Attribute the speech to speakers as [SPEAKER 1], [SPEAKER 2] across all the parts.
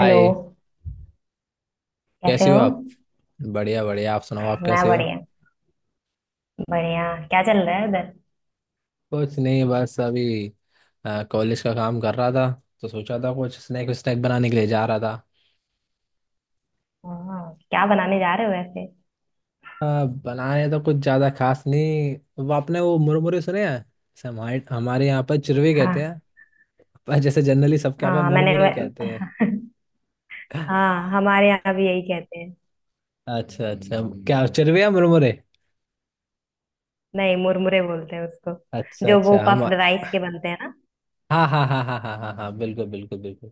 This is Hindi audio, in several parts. [SPEAKER 1] हेलो। कैसे
[SPEAKER 2] कैसे हो
[SPEAKER 1] हो।
[SPEAKER 2] आप। बढ़िया बढ़िया, आप सुनाओ, आप
[SPEAKER 1] मैं
[SPEAKER 2] कैसे हो।
[SPEAKER 1] बढ़िया। बढ़िया, क्या चल रहा है उधर।
[SPEAKER 2] कुछ नहीं, बस अभी कॉलेज का काम कर रहा था। तो सोचा था कुछ स्नैक स्नैक बनाने के लिए जा रहा था।
[SPEAKER 1] हाँ, क्या बनाने जा रहे हो वैसे।
[SPEAKER 2] बनाने तो कुछ ज़्यादा खास नहीं। वो आपने वो मुरमुरे सुने हैं, जैसे हमारे हमारे यहाँ पर चिरवे कहते
[SPEAKER 1] हाँ
[SPEAKER 2] हैं। पर जैसे जनरली सबके यहाँ पर
[SPEAKER 1] हाँ, मैंने
[SPEAKER 2] मुरमुरे कहते हैं।
[SPEAKER 1] हाँ, हमारे यहाँ भी यही कहते हैं।
[SPEAKER 2] अच्छा अच्छा, क्या चिरवे या मुरमुरे।
[SPEAKER 1] नहीं, मुरमुरे बोलते हैं उसको।
[SPEAKER 2] अच्छा
[SPEAKER 1] जो वो
[SPEAKER 2] अच्छा, हम।
[SPEAKER 1] पफ्ड राइस
[SPEAKER 2] हाँ
[SPEAKER 1] के बनते हैं ना।
[SPEAKER 2] हाँ हाँ हाँ हाँ हाँ हाँ, बिल्कुल बिल्कुल बिल्कुल।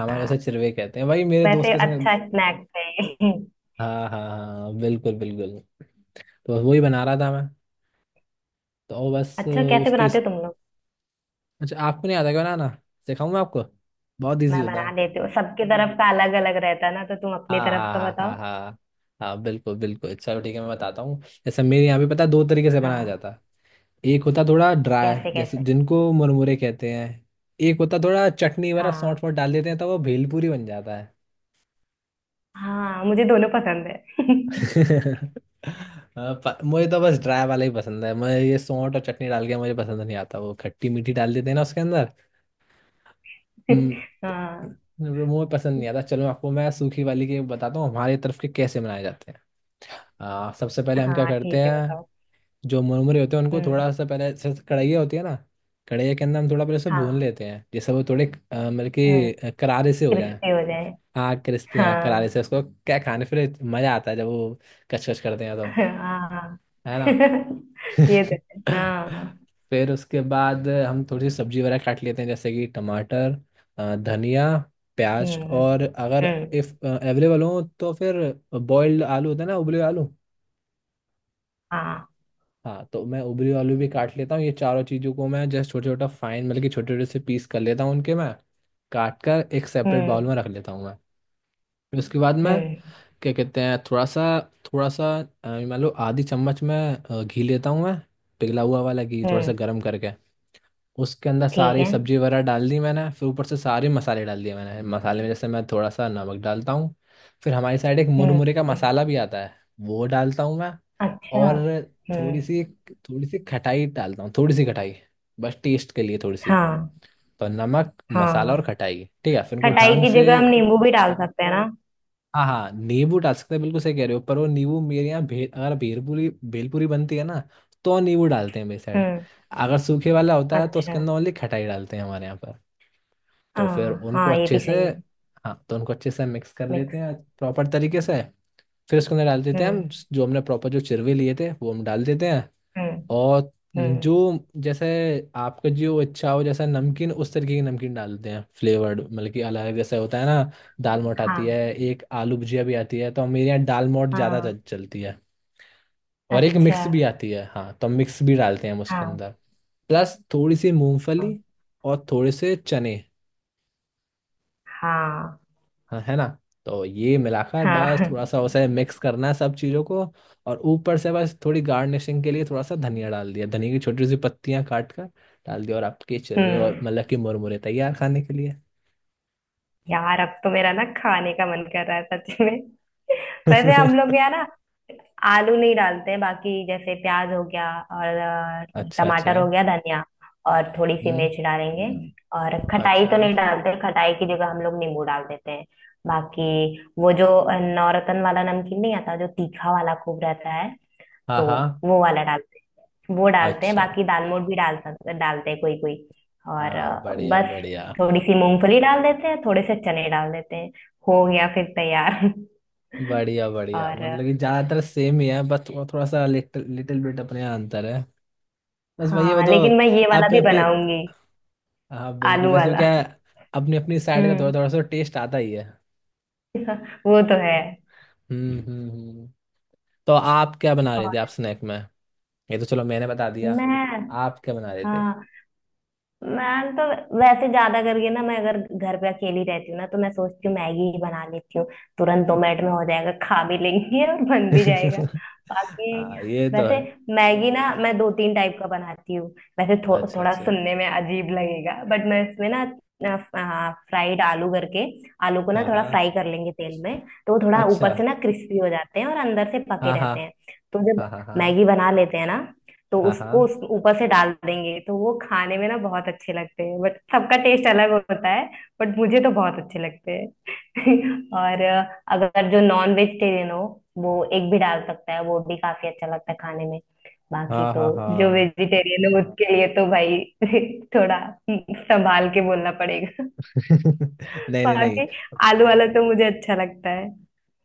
[SPEAKER 2] हमारे यहाँ से चिरवे कहते हैं भाई, मेरे दोस्त
[SPEAKER 1] वैसे
[SPEAKER 2] के संग।
[SPEAKER 1] अच्छा स्नैक्स है।
[SPEAKER 2] हाँ हाँ हाँ, बिल्कुल बिल्कुल। तो बस वही बना रहा था मैं। तो वो बस
[SPEAKER 1] अच्छा, कैसे
[SPEAKER 2] उसकी।
[SPEAKER 1] बनाते हो तुम लोग।
[SPEAKER 2] अच्छा, आपको नहीं आता क्या बनाना। सिखाऊं मैं आपको। बहुत
[SPEAKER 1] मैं
[SPEAKER 2] इजी होता
[SPEAKER 1] बना
[SPEAKER 2] है।
[SPEAKER 1] देती हूँ, सबके तरफ का अलग अलग रहता है ना, तो तुम अपनी
[SPEAKER 2] हाँ
[SPEAKER 1] तरफ का
[SPEAKER 2] हाँ हाँ हाँ
[SPEAKER 1] बताओ।
[SPEAKER 2] हाँ हाँ, बिल्कुल बिल्कुल। चलो ठीक है, मैं बताता हूँ। जैसे मेरे यहाँ पे पता है दो तरीके से बनाया
[SPEAKER 1] हाँ।
[SPEAKER 2] जाता है। एक होता थोड़ा ड्राई,
[SPEAKER 1] कैसे
[SPEAKER 2] जैसे
[SPEAKER 1] कैसे।
[SPEAKER 2] जिनको मुरमुरे कहते हैं। एक होता थोड़ा चटनी वगैरह
[SPEAKER 1] हाँ
[SPEAKER 2] सौंठ फोट डाल देते हैं, तो वो भेलपूरी बन जाता है।
[SPEAKER 1] हाँ, मुझे दोनों पसंद है।
[SPEAKER 2] हाँ, मुझे तो बस ड्राई वाला ही पसंद है। मुझे ये सौंठ और चटनी डाल के मुझे पसंद नहीं आता। वो खट्टी मीठी डाल देते हैं ना उसके अंदर। हम्म।
[SPEAKER 1] हाँ।
[SPEAKER 2] वो मुझे पसंद नहीं आता। चलो आपको मैं सूखी वाली के बताता हूँ, हमारे तरफ के कैसे मनाए जाते हैं। सबसे पहले हम क्या
[SPEAKER 1] हाँ,
[SPEAKER 2] करते
[SPEAKER 1] ठीक है
[SPEAKER 2] हैं।
[SPEAKER 1] बताओ।
[SPEAKER 2] जो मुरमुरे होते हैं उनको
[SPEAKER 1] हम्म।
[SPEAKER 2] थोड़ा सा पहले, जैसे कढ़ैया होती है ना। कढ़ैया के अंदर हम थोड़ा पहले उसे भून
[SPEAKER 1] हाँ।
[SPEAKER 2] लेते हैं, जैसे वो थोड़े मतलब
[SPEAKER 1] हम्म।
[SPEAKER 2] कि करारे से हो जाए।
[SPEAKER 1] क्रिस्पी हो जाए।
[SPEAKER 2] हाँ क्रिस्पी, हाँ करारे
[SPEAKER 1] हाँ।
[SPEAKER 2] से उसको क्या, खाने फिर मज़ा आता है जब वो कचकच करते हैं, तो
[SPEAKER 1] हाँ।
[SPEAKER 2] है ना।
[SPEAKER 1] ये तो है हाँ।
[SPEAKER 2] फिर उसके बाद हम थोड़ी सी सब्जी वगैरह काट लेते हैं, जैसे कि टमाटर, धनिया, प्याज,
[SPEAKER 1] हम्म।
[SPEAKER 2] और अगर
[SPEAKER 1] हम्म।
[SPEAKER 2] इफ अवेलेबल हो तो फिर बॉइल्ड आलू होता है ना, उबले हुए आलू।
[SPEAKER 1] हाँ।
[SPEAKER 2] हाँ तो मैं उबले हुए आलू भी काट लेता हूँ। ये चारों चीज़ों को मैं जस्ट छोटे छोटा फाइन, मतलब कि छोटे छोटे से पीस कर लेता हूँ उनके मैं। काट कर एक सेपरेट
[SPEAKER 1] हम्म।
[SPEAKER 2] बाउल में रख लेता हूँ मैं। फिर उसके बाद मैं
[SPEAKER 1] हम्म।
[SPEAKER 2] क्या कहते हैं थोड़ा सा मान लो आधी चम्मच में घी लेता हूँ मैं। पिघला हुआ वाला घी थोड़ा सा
[SPEAKER 1] हम्म।
[SPEAKER 2] गर्म करके उसके अंदर
[SPEAKER 1] ठीक
[SPEAKER 2] सारी
[SPEAKER 1] है।
[SPEAKER 2] सब्जी वगैरह डाल दी मैंने। फिर ऊपर से सारे मसाले डाल दिए मैंने। मसाले में जैसे मैं थोड़ा सा नमक डालता हूँ। फिर हमारी साइड एक
[SPEAKER 1] हम्म।
[SPEAKER 2] मुरमुरे का
[SPEAKER 1] हम्म।
[SPEAKER 2] मसाला भी आता है, वो डालता हूँ मैं।
[SPEAKER 1] अच्छा।
[SPEAKER 2] और थोड़ी
[SPEAKER 1] हम्म।
[SPEAKER 2] सी थोड़ी सी खटाई डालता हूँ, थोड़ी सी खटाई, बस टेस्ट के लिए थोड़ी सी।
[SPEAKER 1] हाँ।
[SPEAKER 2] तो नमक मसाला
[SPEAKER 1] हाँ,
[SPEAKER 2] और खटाई ठीक है, फिर उनको
[SPEAKER 1] खटाई
[SPEAKER 2] ढंग
[SPEAKER 1] की
[SPEAKER 2] से।
[SPEAKER 1] जगह हम नींबू भी डाल सकते हैं ना।
[SPEAKER 2] हाँ हाँ, नींबू डाल सकते हैं, बिल्कुल सही कह रहे हो। पर वो नींबू मेरे यहाँ अगर भेलपूरी भेलपूरी बनती है ना, तो नींबू डालते हैं मेरी साइड।
[SPEAKER 1] हम्म।
[SPEAKER 2] अगर सूखे वाला होता है तो
[SPEAKER 1] अच्छा।
[SPEAKER 2] उसके अंदर ओनली खटाई डालते हैं हमारे यहाँ पर। तो फिर
[SPEAKER 1] हाँ
[SPEAKER 2] उनको
[SPEAKER 1] हाँ, ये
[SPEAKER 2] अच्छे
[SPEAKER 1] भी
[SPEAKER 2] से,
[SPEAKER 1] सही है।
[SPEAKER 2] हाँ तो उनको अच्छे से मिक्स कर लेते
[SPEAKER 1] मिक्स।
[SPEAKER 2] हैं प्रॉपर तरीके से। फिर उसके अंदर डाल देते हैं हम,
[SPEAKER 1] हम्म।
[SPEAKER 2] जो हमने प्रॉपर जो चिरवे लिए थे वो हम डाल देते हैं।
[SPEAKER 1] हम्म।
[SPEAKER 2] और जो,
[SPEAKER 1] हम्म।
[SPEAKER 2] जैसे, आपका जो इच्छा हो जैसा नमकीन, उस तरीके की नमकीन डालते हैं। फ्लेवर्ड, मतलब कि अलग जैसे होता है ना। दाल मोठ
[SPEAKER 1] हाँ।
[SPEAKER 2] आती है, एक आलू भुजिया भी आती है। तो हम, मेरे यहाँ दाल मोठ ज़्यादा
[SPEAKER 1] हाँ।
[SPEAKER 2] चलती है। और एक
[SPEAKER 1] अच्छा।
[SPEAKER 2] मिक्स भी आती है, हाँ तो हम मिक्स भी डालते हैं हम उसके
[SPEAKER 1] हाँ।
[SPEAKER 2] अंदर। प्लस थोड़ी सी
[SPEAKER 1] हाँ।
[SPEAKER 2] मूंगफली और थोड़े से चने,
[SPEAKER 1] हाँ।
[SPEAKER 2] हाँ है ना। तो ये मिलाकर बस थोड़ा
[SPEAKER 1] हाँ।
[SPEAKER 2] सा उसे मिक्स करना है सब चीज़ों को। और ऊपर से बस थोड़ी गार्निशिंग के लिए थोड़ा सा धनिया डाल दिया, धनिया की छोटी सी पत्तियां काट कर डाल दिया, और आपके चिरवे और
[SPEAKER 1] हम्म।
[SPEAKER 2] मतलब की मुरमुरे तैयार खाने के लिए।
[SPEAKER 1] यार, अब तो मेरा ना खाने का मन कर रहा है सच में। वैसे हम लोग यहाँ ना आलू नहीं डालते, बाकी जैसे प्याज हो गया, और
[SPEAKER 2] अच्छा अच्छा।
[SPEAKER 1] टमाटर हो गया, धनिया, और थोड़ी सी
[SPEAKER 2] हम्म
[SPEAKER 1] मिर्च डालेंगे।
[SPEAKER 2] हम्म।
[SPEAKER 1] और खटाई तो
[SPEAKER 2] अच्छा।
[SPEAKER 1] नहीं डालते, खटाई की जगह हम लोग नींबू डाल देते हैं। बाकी वो जो नौरतन वाला नमकीन नहीं आता, जो तीखा वाला खूब रहता है,
[SPEAKER 2] हाँ
[SPEAKER 1] तो
[SPEAKER 2] हाँ।
[SPEAKER 1] वो वाला डाल वो डालते हैं।
[SPEAKER 2] अच्छा।
[SPEAKER 1] बाकी दाल मोठ भी डालते हैं कोई कोई। और
[SPEAKER 2] हाँ बढ़िया
[SPEAKER 1] बस
[SPEAKER 2] बढ़िया।
[SPEAKER 1] थोड़ी सी मूंगफली डाल देते हैं, थोड़े से चने डाल देते हैं, हो गया फिर तैयार।
[SPEAKER 2] बढ़िया बढ़िया,
[SPEAKER 1] और
[SPEAKER 2] मतलब कि ज़्यादातर सेम ही है, बस थोड़ा थोड़ा सा, लिटिल लिटिल बिट अपने यहाँ अंतर है। बस भैया
[SPEAKER 1] हाँ,
[SPEAKER 2] बताओ,
[SPEAKER 1] लेकिन मैं ये वाला
[SPEAKER 2] आपने
[SPEAKER 1] भी
[SPEAKER 2] अपने।
[SPEAKER 1] बनाऊंगी,
[SPEAKER 2] हाँ बिल्कुल,
[SPEAKER 1] आलू
[SPEAKER 2] वैसे भी
[SPEAKER 1] वाला।
[SPEAKER 2] क्या है, अपनी अपनी साइड का थोड़ा
[SPEAKER 1] हम्म।
[SPEAKER 2] थोड़ा सा टेस्ट आता ही है।
[SPEAKER 1] वो तो है।
[SPEAKER 2] हम्म। तो आप क्या बना रहे थे आप,
[SPEAKER 1] और
[SPEAKER 2] स्नैक में। ये तो चलो मैंने बता दिया।
[SPEAKER 1] मैं।
[SPEAKER 2] आप क्या बना रहे थे।
[SPEAKER 1] हाँ। मैं तो वैसे ज्यादा करके ना मैं, अगर घर पे अकेली रहती हूँ ना, तो मैं सोचती हूँ मैगी ही बना लेती हूँ। तुरंत 2 मिनट में हो जाएगा, खा भी लेंगे और बन भी जाएगा। बाकी
[SPEAKER 2] हाँ ये तो
[SPEAKER 1] वैसे,
[SPEAKER 2] है।
[SPEAKER 1] मैगी ना मैं दो तीन टाइप का बनाती हूँ। वैसे
[SPEAKER 2] अच्छा
[SPEAKER 1] थोड़ा
[SPEAKER 2] अच्छा।
[SPEAKER 1] सुनने में अजीब लगेगा, बट मैं इसमें ना फ्राइड आलू करके, आलू को ना
[SPEAKER 2] हाँ
[SPEAKER 1] थोड़ा
[SPEAKER 2] हाँ।
[SPEAKER 1] फ्राई कर लेंगे तेल में, तो वो थोड़ा
[SPEAKER 2] अच्छा।
[SPEAKER 1] ऊपर से ना क्रिस्पी हो जाते हैं और अंदर से पके
[SPEAKER 2] हाँ हाँ
[SPEAKER 1] रहते हैं। तो जब
[SPEAKER 2] हाँ हाँ हाँ
[SPEAKER 1] मैगी बना लेते हैं ना, तो
[SPEAKER 2] हाँ हाँ
[SPEAKER 1] उसको उस ऊपर से डाल देंगे, तो वो खाने में ना बहुत अच्छे लगते हैं, बट सबका टेस्ट अलग होता है। बट मुझे तो बहुत अच्छे लगते हैं। और अगर जो नॉन वेजिटेरियन हो, वो एक भी डाल सकता है, वो भी काफी अच्छा लगता है खाने में। बाकी
[SPEAKER 2] हाँ
[SPEAKER 1] तो
[SPEAKER 2] हाँ
[SPEAKER 1] जो
[SPEAKER 2] हाँ।
[SPEAKER 1] वेजिटेरियन है, उसके लिए तो भाई थोड़ा संभाल के बोलना पड़ेगा।
[SPEAKER 2] नहीं नहीं नहीं।
[SPEAKER 1] बाकी आलू वाला तो मुझे अच्छा लगता है।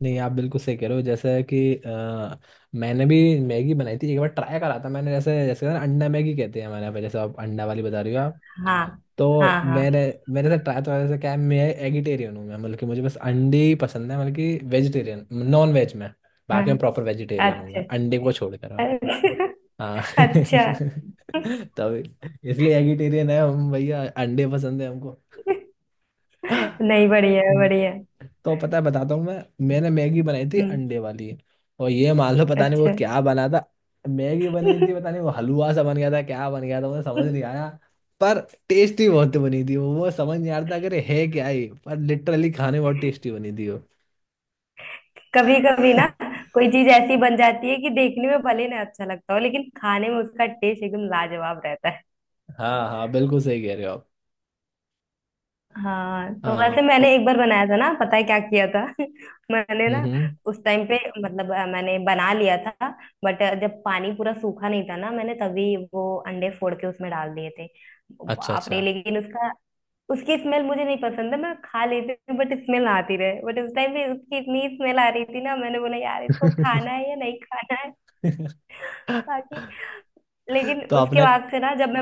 [SPEAKER 2] नहीं आप बिल्कुल सही कह रहे हो, जैसे कि मैंने भी मैगी बनाई थी, एक बार ट्राई करा था मैंने। जैसे जैसे ना अंडा मैगी कहते हैं हमारे यहाँ पे, जैसे आप अंडा वाली बता रही हो।
[SPEAKER 1] हाँ
[SPEAKER 2] तो
[SPEAKER 1] हाँ हाँ
[SPEAKER 2] मैंने मेरे साथ ट्राई, तो ऐसा क्या है, मैं एगिटेरियन हूँ मैं, मतलब कि मुझे बस अंडे ही पसंद है, मतलब कि वेजिटेरियन नॉन वेज में। बाकी मैं
[SPEAKER 1] हाँ।
[SPEAKER 2] प्रॉपर वेजिटेरियन हूँ
[SPEAKER 1] अच्छा
[SPEAKER 2] मैं, अंडे को छोड़कर मैं।
[SPEAKER 1] अच्छा।
[SPEAKER 2] हाँ।
[SPEAKER 1] अच्छा।
[SPEAKER 2] तब इसलिए एगिटेरियन है हम भैया, अंडे पसंद है हमको।
[SPEAKER 1] नहीं, बढ़िया है, बढ़िया है।
[SPEAKER 2] तो पता है बताता हूँ मैं। मैंने मैगी बनाई थी
[SPEAKER 1] हम्म।
[SPEAKER 2] अंडे वाली, और ये मान लो पता नहीं वो
[SPEAKER 1] अच्छा।
[SPEAKER 2] क्या बना था। मैगी बनी थी, पता नहीं वो हलवा सा बन गया था, क्या बन गया था मुझे समझ नहीं आया। पर टेस्टी बहुत बनी थी। वो समझ नहीं आ रहा था अगर है क्या ये, पर लिटरली खाने में बहुत टेस्टी बनी थी वो।
[SPEAKER 1] कभी कभी ना कोई चीज ऐसी बन जाती है कि देखने में भले ना अच्छा लगता हो, लेकिन खाने में उसका टेस्ट एकदम लाजवाब रहता है।
[SPEAKER 2] हाँ हाँ, बिल्कुल सही कह रहे हो आप।
[SPEAKER 1] हाँ, तो वैसे
[SPEAKER 2] हाँ ओ।
[SPEAKER 1] मैंने एक बार बनाया था ना, पता है क्या किया था। मैंने ना
[SPEAKER 2] हम्म।
[SPEAKER 1] उस टाइम पे, मतलब अ, मैंने बना लिया था, बट जब पानी पूरा सूखा नहीं था ना, मैंने तभी वो अंडे फोड़ के उसमें डाल दिए थे।
[SPEAKER 2] अच्छा
[SPEAKER 1] बाप
[SPEAKER 2] अच्छा।
[SPEAKER 1] रे, लेकिन उसका उसकी स्मेल मुझे नहीं पसंद है। मैं खा लेती हूँ बट, स्मेल आती रहे, बट उस टाइम पे उसकी इतनी स्मेल आ रही थी ना, मैंने बोला यार, इसको खाना है या नहीं खाना है। बाकी लेकिन
[SPEAKER 2] तो
[SPEAKER 1] उसके
[SPEAKER 2] आपने।
[SPEAKER 1] बाद से ना, जब मैं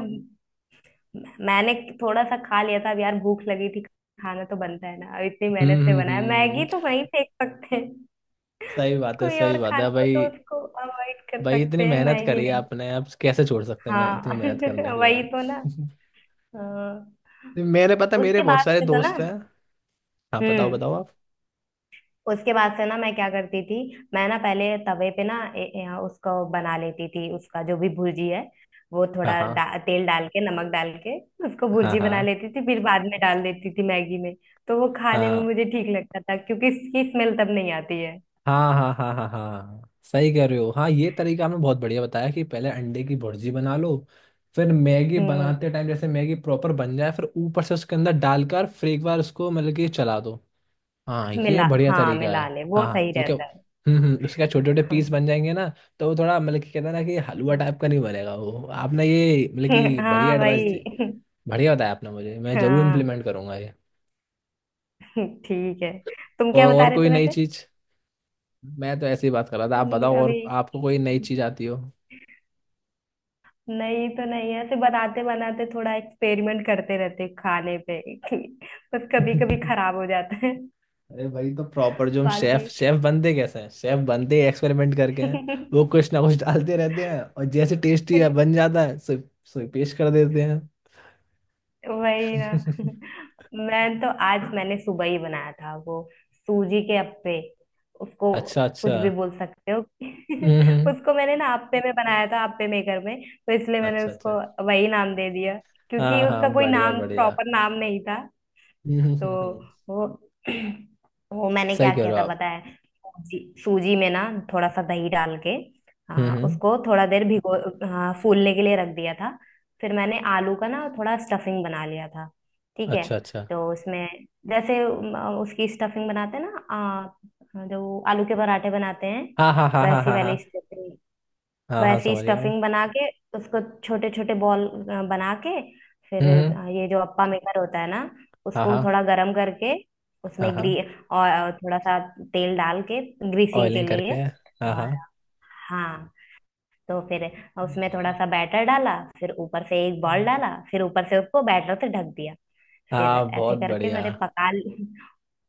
[SPEAKER 1] मैंने थोड़ा सा खा लिया था, अब यार भूख लगी थी। खाना तो बनता है ना, अब इतनी मेहनत
[SPEAKER 2] हम्म
[SPEAKER 1] से
[SPEAKER 2] हम्म
[SPEAKER 1] बनाया
[SPEAKER 2] हम्म,
[SPEAKER 1] मैगी तो वहीं फेंक सकते हैं। कोई और
[SPEAKER 2] सही बात है
[SPEAKER 1] खाना हो तो
[SPEAKER 2] भाई।
[SPEAKER 1] उसको अवॉइड कर
[SPEAKER 2] भाई इतनी
[SPEAKER 1] सकते हैं,
[SPEAKER 2] मेहनत
[SPEAKER 1] मैगी
[SPEAKER 2] करी है
[SPEAKER 1] नहीं।
[SPEAKER 2] आपने, आप कैसे छोड़ सकते हैं, मैं इतनी
[SPEAKER 1] हाँ,
[SPEAKER 2] मेहनत करने के
[SPEAKER 1] वही
[SPEAKER 2] बाद।
[SPEAKER 1] तो ना। हाँ।
[SPEAKER 2] मेरे पता है, मेरे
[SPEAKER 1] उसके
[SPEAKER 2] बहुत
[SPEAKER 1] बाद
[SPEAKER 2] सारे
[SPEAKER 1] से तो ना।
[SPEAKER 2] दोस्त हैं। हाँ बताओ बताओ
[SPEAKER 1] हम्म।
[SPEAKER 2] आप।
[SPEAKER 1] उसके बाद से ना मैं क्या करती थी, मैं ना पहले तवे पे ना ए, ए, उसको बना लेती थी, उसका जो भी भुर्जी है, वो
[SPEAKER 2] हाँ
[SPEAKER 1] थोड़ा
[SPEAKER 2] हाँ
[SPEAKER 1] तेल डाल के नमक डाल के उसको
[SPEAKER 2] हाँ
[SPEAKER 1] भुर्जी बना
[SPEAKER 2] हाँ
[SPEAKER 1] लेती थी, फिर बाद में डाल देती थी मैगी में। तो वो खाने में
[SPEAKER 2] हाँ
[SPEAKER 1] मुझे ठीक लगता था, क्योंकि इसकी स्मेल तब नहीं आती है।
[SPEAKER 2] हाँ हाँ हाँ हाँ हाँ, सही कह रहे हो। हाँ ये तरीका आपने बहुत बढ़िया बताया, कि पहले अंडे की भुर्जी बना लो, फिर मैगी
[SPEAKER 1] हम्म।
[SPEAKER 2] बनाते टाइम जैसे मैगी प्रॉपर बन जाए, फिर ऊपर से उसके अंदर डालकर फिर एक बार उसको मतलब कि चला दो। हाँ ये
[SPEAKER 1] मिला,
[SPEAKER 2] बढ़िया
[SPEAKER 1] हाँ,
[SPEAKER 2] तरीका है।
[SPEAKER 1] मिला ले, वो
[SPEAKER 2] हाँ हाँ,
[SPEAKER 1] सही
[SPEAKER 2] तो क्या।
[SPEAKER 1] रहता
[SPEAKER 2] हम्म, उसके छोटे छोटे
[SPEAKER 1] है।
[SPEAKER 2] पीस बन जाएंगे ना, तो वो थोड़ा, मतलब कि कहते हैं ना कि हलवा टाइप का नहीं बनेगा वो। आपने ये मतलब कि बढ़िया
[SPEAKER 1] हाँ
[SPEAKER 2] एडवाइस दी,
[SPEAKER 1] भाई।
[SPEAKER 2] बढ़िया बताया आपने मुझे, मैं जरूर
[SPEAKER 1] हाँ
[SPEAKER 2] इम्प्लीमेंट करूंगा ये।
[SPEAKER 1] ठीक है, तुम क्या
[SPEAKER 2] और
[SPEAKER 1] बता
[SPEAKER 2] और
[SPEAKER 1] रहे थे
[SPEAKER 2] कोई नई
[SPEAKER 1] वैसे।
[SPEAKER 2] चीज, मैं तो ऐसी बात कर रहा था, आप बताओ और
[SPEAKER 1] अभी
[SPEAKER 2] आपको कोई नई चीज आती हो।
[SPEAKER 1] नहीं तो नहीं है, ऐसे बनाते बनाते थोड़ा एक्सपेरिमेंट करते रहते हैं खाने पे, कि बस कभी कभी खराब हो जाता है।
[SPEAKER 2] अरे भाई, तो प्रॉपर जो हम शेफ
[SPEAKER 1] बाकी
[SPEAKER 2] शेफ बनते कैसे हैं, शेफ बनते एक्सपेरिमेंट करके हैं। वो कुछ ना कुछ डालते रहते हैं और जैसे टेस्टी है बन जाता है, सो पेश कर देते हैं।
[SPEAKER 1] वही ना। मैं तो आज मैंने सुबह ही बनाया था वो, सूजी के अप्पे। उसको
[SPEAKER 2] अच्छा
[SPEAKER 1] कुछ
[SPEAKER 2] अच्छा।
[SPEAKER 1] भी बोल सकते हो।
[SPEAKER 2] हम्म हम्म।
[SPEAKER 1] उसको मैंने ना अप्पे में बनाया था, अप्पे मेकर में, तो इसलिए मैंने
[SPEAKER 2] अच्छा अच्छा।
[SPEAKER 1] उसको वही नाम दे दिया, क्योंकि
[SPEAKER 2] हाँ हाँ।
[SPEAKER 1] उसका कोई
[SPEAKER 2] बढ़िया
[SPEAKER 1] नाम
[SPEAKER 2] बढ़िया।
[SPEAKER 1] प्रॉपर नाम नहीं था।
[SPEAKER 2] हम्म हम्म,
[SPEAKER 1] तो
[SPEAKER 2] हम्म, हम्म।
[SPEAKER 1] वो वो मैंने
[SPEAKER 2] सही
[SPEAKER 1] क्या
[SPEAKER 2] कह
[SPEAKER 1] किया
[SPEAKER 2] रहे हो
[SPEAKER 1] था
[SPEAKER 2] आप।
[SPEAKER 1] पता है। सूजी में ना थोड़ा सा दही डाल के
[SPEAKER 2] हम्म।
[SPEAKER 1] उसको थोड़ा देर भिगो, फूलने के लिए रख दिया था। फिर मैंने आलू का ना थोड़ा स्टफिंग बना लिया था, ठीक है।
[SPEAKER 2] अच्छा अच्छा।
[SPEAKER 1] तो उसमें, जैसे उसकी स्टफिंग बनाते हैं ना, जो आलू के पराठे बनाते हैं,
[SPEAKER 2] हाँ हाँ हाँ हाँ
[SPEAKER 1] वैसी
[SPEAKER 2] हाँ हाँ
[SPEAKER 1] वाली स्टफिंग,
[SPEAKER 2] हाँ हाँ,
[SPEAKER 1] वैसी
[SPEAKER 2] समझ गया मैं।
[SPEAKER 1] स्टफिंग बना के उसको छोटे छोटे बॉल बना के, फिर
[SPEAKER 2] हम्म।
[SPEAKER 1] ये जो अप्पा मेकर होता है ना,
[SPEAKER 2] हाँ
[SPEAKER 1] उसको
[SPEAKER 2] हाँ
[SPEAKER 1] थोड़ा गरम करके
[SPEAKER 2] हाँ
[SPEAKER 1] उसमें
[SPEAKER 2] हाँ,
[SPEAKER 1] ग्री और थोड़ा सा तेल डाल के, ग्रीसिंग के
[SPEAKER 2] ऑयलिंग
[SPEAKER 1] लिए।
[SPEAKER 2] करके, हाँ
[SPEAKER 1] और
[SPEAKER 2] हाँ।
[SPEAKER 1] हाँ, तो फिर उसमें थोड़ा सा बैटर डाला, फिर ऊपर से एक बॉल डाला, फिर ऊपर से उसको बैटर से ढक दिया। फिर
[SPEAKER 2] हाँ
[SPEAKER 1] ऐसे
[SPEAKER 2] बहुत
[SPEAKER 1] करके
[SPEAKER 2] बढ़िया।
[SPEAKER 1] मैंने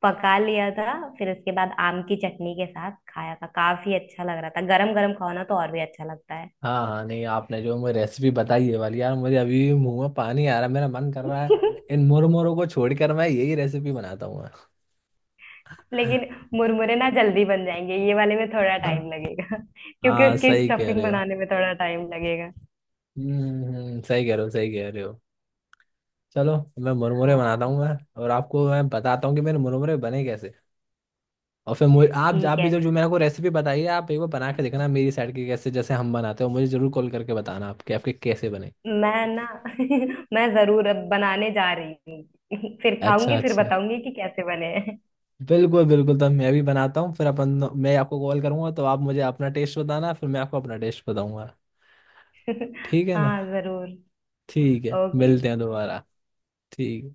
[SPEAKER 1] पका लिया था, फिर उसके बाद आम की चटनी के साथ खाया था, काफी अच्छा लग रहा था, गरम गरम खाओ ना तो और भी अच्छा लगता है।
[SPEAKER 2] हाँ हाँ, नहीं आपने जो मुझे रेसिपी बताई है वाली, यार मुझे अभी भी मुंह में पानी आ रहा है, मेरा मन कर रहा है। इन मुरमुरों को छोड़कर मैं यही रेसिपी बनाता हूँ मैं।
[SPEAKER 1] लेकिन मुरमुरे ना जल्दी बन जाएंगे, ये वाले में थोड़ा टाइम लगेगा। क्योंकि
[SPEAKER 2] हाँ
[SPEAKER 1] उसकी
[SPEAKER 2] सही कह
[SPEAKER 1] स्टफिंग
[SPEAKER 2] रहे हो।
[SPEAKER 1] बनाने में थोड़ा टाइम लगेगा।
[SPEAKER 2] हम्म सही कह रहे हो सही कह रहे हो। चलो, मैं मुरमुरे बनाता
[SPEAKER 1] हाँ
[SPEAKER 2] हूँ मैं, और आपको मैं बताता हूँ कि मेरे मुरमुरे बने कैसे। और फिर मुझे आप
[SPEAKER 1] ठीक
[SPEAKER 2] आप भी जो जो
[SPEAKER 1] है।
[SPEAKER 2] मेरे को रेसिपी बताई है, आप एक बार बना के देखना मेरी साइड के कैसे जैसे हम बनाते हो, मुझे जरूर कॉल करके बताना आपके आपके कैसे बने।
[SPEAKER 1] मैं ना मैं जरूर अब बनाने जा रही हूँ। फिर
[SPEAKER 2] अच्छा
[SPEAKER 1] खाऊंगी फिर
[SPEAKER 2] अच्छा,
[SPEAKER 1] बताऊंगी कि कैसे बने हैं।
[SPEAKER 2] बिल्कुल बिल्कुल। तब मैं भी बनाता हूँ फिर अपन। मैं आपको कॉल करूंगा तो आप मुझे अपना टेस्ट बताना, फिर मैं आपको अपना टेस्ट बताऊंगा। ठीक है ना।
[SPEAKER 1] हाँ जरूर।
[SPEAKER 2] ठीक है,
[SPEAKER 1] ओके।
[SPEAKER 2] मिलते हैं दोबारा। ठीक।